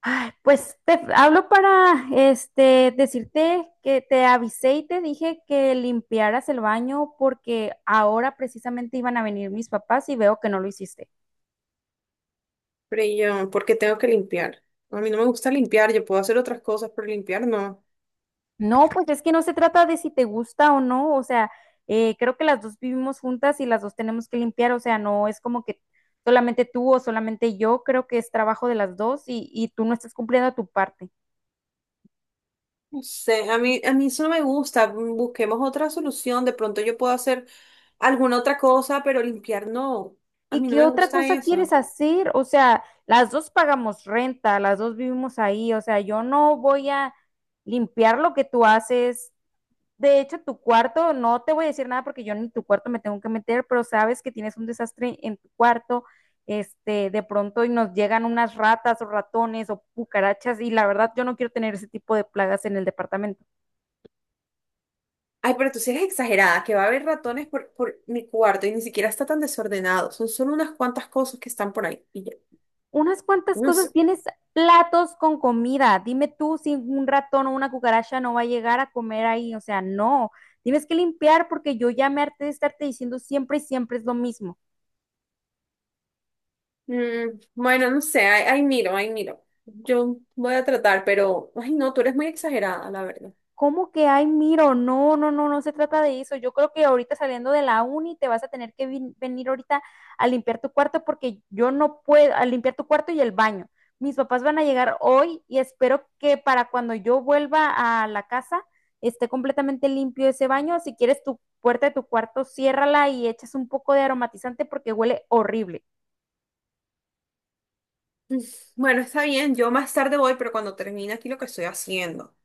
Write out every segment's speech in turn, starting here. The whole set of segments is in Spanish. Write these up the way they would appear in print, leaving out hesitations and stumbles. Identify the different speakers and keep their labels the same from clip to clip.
Speaker 1: Ay, pues te hablo para decirte que te avisé y te dije que limpiaras el baño porque ahora precisamente iban a venir mis papás y veo que no lo hiciste.
Speaker 2: Freya, ¿por qué tengo que limpiar? A mí no me gusta limpiar, yo puedo hacer otras cosas, pero limpiar no.
Speaker 1: No, pues es que no se trata de si te gusta o no, o sea, creo que las dos vivimos juntas y las dos tenemos que limpiar, o sea, no es como que solamente tú o solamente yo, creo que es trabajo de las dos y tú no estás cumpliendo tu parte.
Speaker 2: No sé, a mí eso no me gusta. Busquemos otra solución. De pronto yo puedo hacer alguna otra cosa, pero limpiar no. A
Speaker 1: ¿Y
Speaker 2: mí no
Speaker 1: qué
Speaker 2: me
Speaker 1: otra
Speaker 2: gusta
Speaker 1: cosa quieres
Speaker 2: eso.
Speaker 1: hacer? O sea, las dos pagamos renta, las dos vivimos ahí, o sea, yo no voy a limpiar lo que tú haces. De hecho, tu cuarto, no te voy a decir nada porque yo ni tu cuarto me tengo que meter, pero sabes que tienes un desastre en tu cuarto, de pronto y nos llegan unas ratas o ratones o cucarachas y la verdad yo no quiero tener ese tipo de plagas en el departamento.
Speaker 2: Ay, pero tú sí eres exagerada, que va a haber ratones por mi cuarto y ni siquiera está tan desordenado. Son solo unas cuantas cosas que están por ahí. Y ya,
Speaker 1: Unas cuantas
Speaker 2: no sé.
Speaker 1: cosas, tienes platos con comida. Dime tú si un ratón o una cucaracha no va a llegar a comer ahí. O sea, no. Tienes que limpiar porque yo ya me harté de estarte diciendo siempre y siempre es lo mismo.
Speaker 2: Bueno, no sé, ahí miro, ahí miro. Yo voy a tratar, pero, ay, no, tú eres muy exagerada, la verdad.
Speaker 1: ¿Cómo que ay, miro? No, no, no, no se trata de eso. Yo creo que ahorita saliendo de la uni te vas a tener que venir ahorita a limpiar tu cuarto porque yo no puedo, a limpiar tu cuarto y el baño. Mis papás van a llegar hoy y espero que para cuando yo vuelva a la casa esté completamente limpio ese baño. Si quieres tu puerta de tu cuarto, ciérrala y echas un poco de aromatizante porque huele horrible.
Speaker 2: Mm, Bueno, está bien, yo más tarde voy, pero cuando termine aquí lo que estoy haciendo,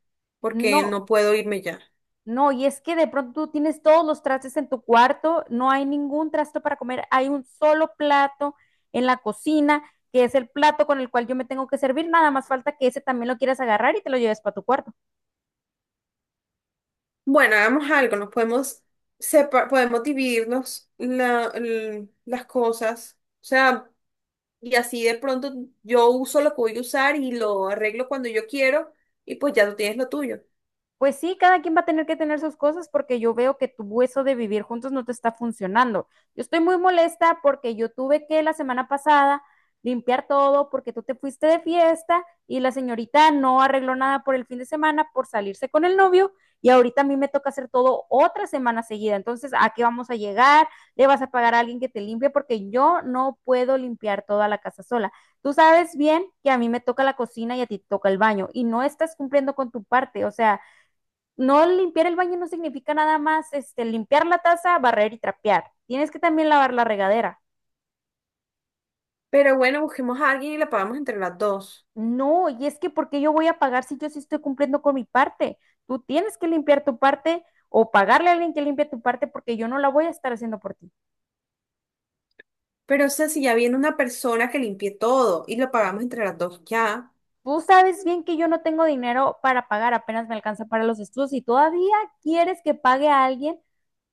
Speaker 2: porque no
Speaker 1: No.
Speaker 2: puedo irme ya.
Speaker 1: No, y es que de pronto tú tienes todos los trastes en tu cuarto, no hay ningún trasto para comer, hay un solo plato en la cocina, que es el plato con el cual yo me tengo que servir, nada más falta que ese también lo quieras agarrar y te lo lleves para tu cuarto.
Speaker 2: Bueno, hagamos algo, nos podemos podemos dividirnos las cosas, o sea, y así de pronto yo uso lo que voy a usar y lo arreglo cuando yo quiero, y pues ya tú tienes lo tuyo.
Speaker 1: Pues sí, cada quien va a tener que tener sus cosas porque yo veo que tu eso de vivir juntos no te está funcionando. Yo estoy muy molesta porque yo tuve que la semana pasada limpiar todo porque tú te fuiste de fiesta y la señorita no arregló nada por el fin de semana por salirse con el novio y ahorita a mí me toca hacer todo otra semana seguida. Entonces, ¿a qué vamos a llegar? ¿Le vas a pagar a alguien que te limpie? Porque yo no puedo limpiar toda la casa sola. Tú sabes bien que a mí me toca la cocina y a ti te toca el baño y no estás cumpliendo con tu parte. O sea, no limpiar el baño no significa nada más limpiar la taza, barrer y trapear. Tienes que también lavar la regadera.
Speaker 2: Pero bueno, busquemos a alguien y la pagamos entre las dos.
Speaker 1: No, y es que ¿porque yo voy a pagar si yo sí estoy cumpliendo con mi parte? Tú tienes que limpiar tu parte o pagarle a alguien que limpie tu parte porque yo no la voy a estar haciendo por ti.
Speaker 2: Pero o sea, si ya viene una persona que limpie todo y lo pagamos entre las dos ya,
Speaker 1: Tú sabes bien que yo no tengo dinero para pagar, apenas me alcanza para los estudios y todavía quieres que pague a alguien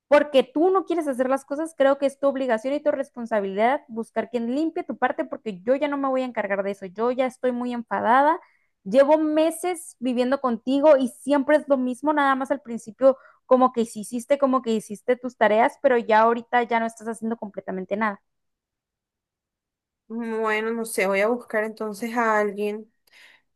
Speaker 1: porque tú no quieres hacer las cosas, creo que es tu obligación y tu responsabilidad buscar quien limpie tu parte porque yo ya no me voy a encargar de eso, yo ya estoy muy enfadada, llevo meses viviendo contigo y siempre es lo mismo, nada más al principio como que como que hiciste tus tareas, pero ya ahorita ya no estás haciendo completamente nada.
Speaker 2: bueno, no sé, voy a buscar entonces a alguien.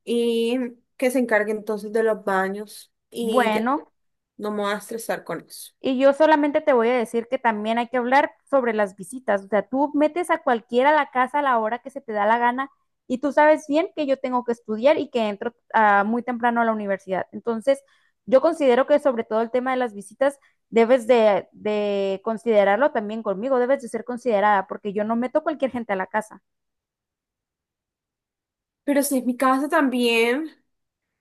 Speaker 2: Y que se encargue entonces de los baños y ya,
Speaker 1: Bueno,
Speaker 2: no me voy a estresar con eso.
Speaker 1: y yo solamente te voy a decir que también hay que hablar sobre las visitas. O sea, tú metes a cualquiera a la casa a la hora que se te da la gana y tú sabes bien que yo tengo que estudiar y que entro muy temprano a la universidad. Entonces, yo considero que sobre todo el tema de las visitas de considerarlo también conmigo, debes de ser considerada porque yo no meto cualquier gente a la casa.
Speaker 2: Pero si es mi casa también.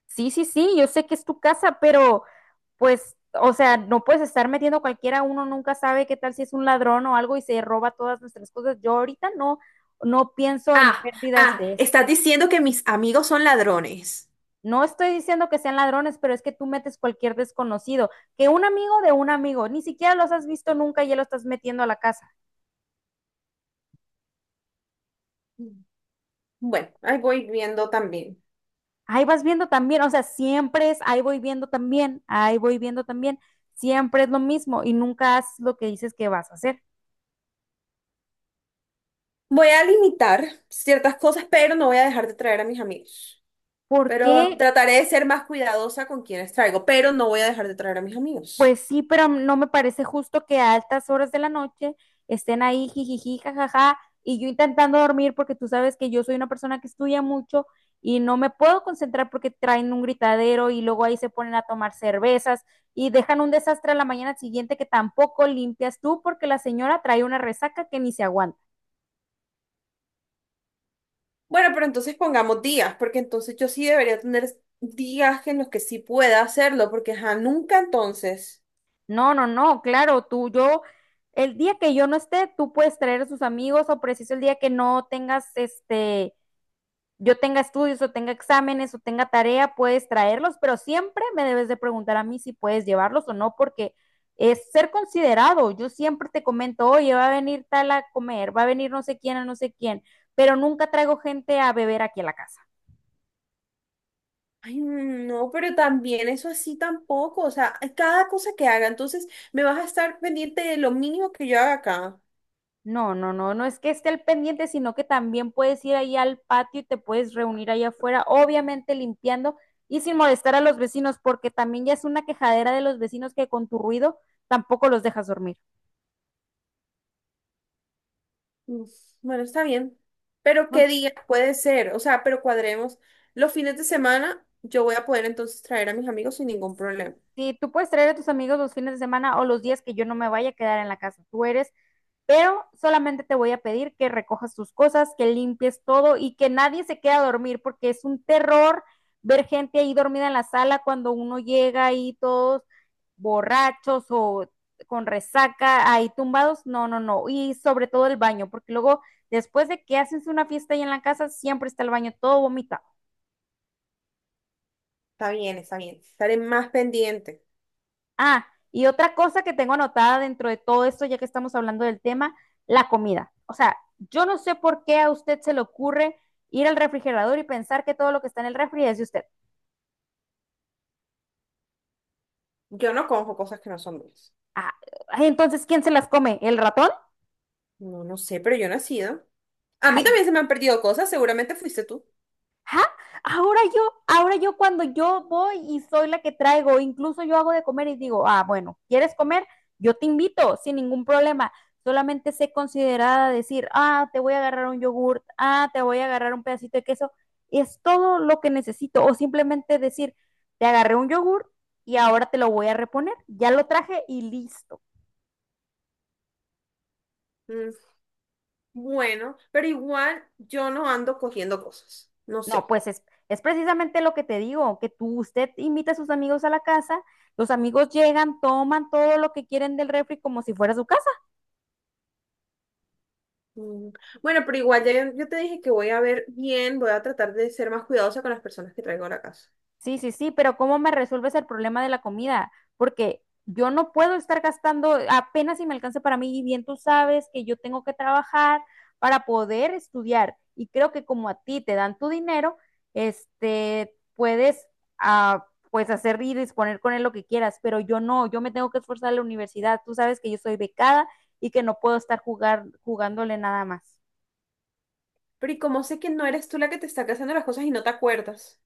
Speaker 1: Sí, sí, sí, yo sé que es tu casa, pero pues, o sea, no puedes estar metiendo cualquiera, uno nunca sabe qué tal si es un ladrón o algo y se roba todas nuestras cosas. Yo ahorita no pienso en
Speaker 2: Ah,
Speaker 1: pérdidas
Speaker 2: ah,
Speaker 1: de eso.
Speaker 2: estás diciendo que mis amigos son ladrones.
Speaker 1: No estoy diciendo que sean ladrones, pero es que tú metes cualquier desconocido, que un amigo de un amigo, ni siquiera los has visto nunca y ya lo estás metiendo a la casa.
Speaker 2: Bueno, ahí voy viendo también.
Speaker 1: Ahí vas viendo también, o sea, siempre es, ahí voy viendo también, ahí voy viendo también, siempre es lo mismo y nunca haces lo que dices que vas a hacer.
Speaker 2: Voy a limitar ciertas cosas, pero no voy a dejar de traer a mis amigos.
Speaker 1: ¿Por
Speaker 2: Pero
Speaker 1: qué
Speaker 2: trataré de ser más cuidadosa con quienes traigo, pero no voy a dejar de traer a mis
Speaker 1: pues
Speaker 2: amigos.
Speaker 1: sí, pero no me parece justo que a altas horas de la noche estén ahí jijiji, jajaja, y yo intentando dormir porque tú sabes que yo soy una persona que estudia mucho y no me puedo concentrar porque traen un gritadero y luego ahí se ponen a tomar cervezas y dejan un desastre a la mañana siguiente que tampoco limpias tú porque la señora trae una resaca que ni se aguanta.
Speaker 2: Bueno, pero entonces pongamos días, porque entonces yo sí debería tener días en los que sí pueda hacerlo, porque ajá, nunca entonces.
Speaker 1: No, no, no, claro, tú, yo, el día que yo no esté, tú puedes traer a sus amigos o preciso el día que no tengas yo tenga estudios o tenga exámenes o tenga tarea, puedes traerlos, pero siempre me debes de preguntar a mí si puedes llevarlos o no, porque es ser considerado. Yo siempre te comento, oye, va a venir tal a comer, va a venir no sé quién a no sé quién, pero nunca traigo gente a beber aquí a la casa.
Speaker 2: Ay, no, pero también eso así tampoco, o sea, cada cosa que haga, entonces me vas a estar pendiente de lo mínimo que yo haga acá.
Speaker 1: No, no, no, no es que esté al pendiente, sino que también puedes ir ahí al patio y te puedes reunir ahí afuera, obviamente limpiando y sin molestar a los vecinos, porque también ya es una quejadera de los vecinos que con tu ruido tampoco los dejas dormir.
Speaker 2: Uf, bueno, está bien, pero
Speaker 1: No.
Speaker 2: ¿qué día puede ser? O sea, pero cuadremos. Los fines de semana yo voy a poder entonces traer a mis amigos sin ningún problema.
Speaker 1: Sí, tú puedes traer a tus amigos los fines de semana o los días que yo no me vaya a quedar en la casa. Tú eres, pero solamente te voy a pedir que recojas tus cosas, que limpies todo y que nadie se quede a dormir, porque es un terror ver gente ahí dormida en la sala cuando uno llega ahí todos borrachos o con resaca, ahí tumbados. No, no, no. Y sobre todo el baño, porque luego después de que haces una fiesta ahí en la casa, siempre está el baño todo vomitado.
Speaker 2: Está bien, estaré más pendiente.
Speaker 1: Ah, y otra cosa que tengo anotada dentro de todo esto, ya que estamos hablando del tema, la comida. O sea, yo no sé por qué a usted se le ocurre ir al refrigerador y pensar que todo lo que está en el refri es de usted.
Speaker 2: Yo no cojo cosas que no son mías.
Speaker 1: Ah, entonces, ¿quién se las come? ¿El ratón?
Speaker 2: No, no sé, pero yo no he sido. A
Speaker 1: Ah,
Speaker 2: mí también se me han perdido cosas, seguramente fuiste tú.
Speaker 1: ¿ah? Ahora yo cuando yo voy y soy la que traigo, incluso yo hago de comer y digo, ah, bueno, ¿quieres comer? Yo te invito sin ningún problema. Solamente sé considerada decir, ah, te voy a agarrar un yogurt, ah, te voy a agarrar un pedacito de queso. Es todo lo que necesito. O simplemente decir, te agarré un yogurt y ahora te lo voy a reponer. Ya lo traje y listo.
Speaker 2: Mm, Bueno, pero igual yo no ando cogiendo cosas, no
Speaker 1: No,
Speaker 2: sé.
Speaker 1: pues es precisamente lo que te digo, que tú, usted invita a sus amigos a la casa, los amigos llegan, toman todo lo que quieren del refri como si fuera su casa.
Speaker 2: Mm, Bueno, pero igual ya yo te dije que voy a ver bien, voy a tratar de ser más cuidadosa con las personas que traigo a la casa.
Speaker 1: Sí, sí, sí, pero ¿cómo me resuelves el problema de la comida? Porque yo no puedo estar gastando apenas si me alcanza para mí y bien tú sabes que yo tengo que trabajar para poder estudiar y creo que como a ti te dan tu dinero, puedes ah, pues hacer y disponer con él lo que quieras, pero yo no, yo me tengo que esforzar en la universidad, tú sabes que yo soy becada y que no puedo estar jugándole nada más.
Speaker 2: Pero y como sé que no eres tú la que te está haciendo las cosas y no te acuerdas.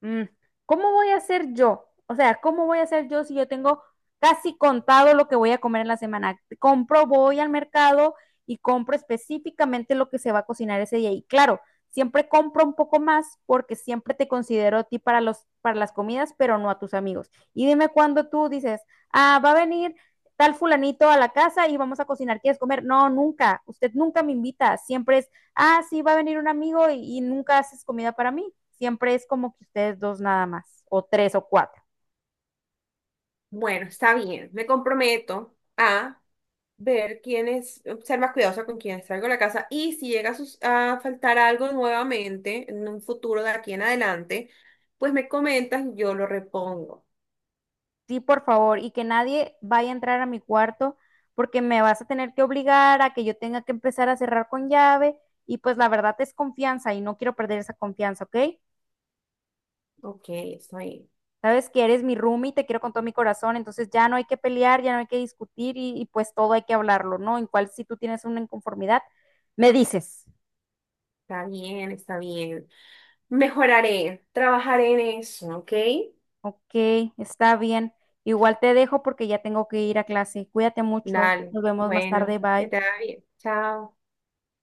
Speaker 1: Mm, ¿cómo voy a hacer yo? O sea, ¿cómo voy a hacer yo si yo tengo casi contado lo que voy a comer en la semana? Compro, voy al mercado y compro específicamente lo que se va a cocinar ese día. Y claro, siempre compro un poco más porque siempre te considero a ti para para las comidas, pero no a tus amigos. Y dime cuando tú dices, ah, va a venir tal fulanito a la casa y vamos a cocinar, ¿quieres comer? No, nunca. Usted nunca me invita. Siempre es, ah, sí, va a venir un amigo y nunca haces comida para mí. Siempre es como que ustedes dos nada más, o tres o cuatro.
Speaker 2: Bueno, está bien. Me comprometo a ver quién es, ser más cuidadosa con quienes traigo a la casa y si llega a, a faltar algo nuevamente en un futuro de aquí en adelante, pues me comentas y yo lo repongo.
Speaker 1: Sí, por favor, y que nadie vaya a entrar a mi cuarto porque me vas a tener que obligar a que yo tenga que empezar a cerrar con llave y pues la verdad es confianza y no quiero perder esa confianza, ¿ok?
Speaker 2: Ok, está bien,
Speaker 1: Sabes que eres mi roomie y te quiero con todo mi corazón, entonces ya no hay que pelear, ya no hay que discutir y pues todo hay que hablarlo, ¿no? En cual si tú tienes una inconformidad, me dices,
Speaker 2: está bien, está bien. Mejoraré, trabajaré en eso, ¿ok?
Speaker 1: ok, está bien, igual te dejo porque ya tengo que ir a clase, cuídate mucho,
Speaker 2: Dale,
Speaker 1: nos vemos más
Speaker 2: bueno,
Speaker 1: tarde,
Speaker 2: que
Speaker 1: bye.
Speaker 2: te vaya bien. Chao.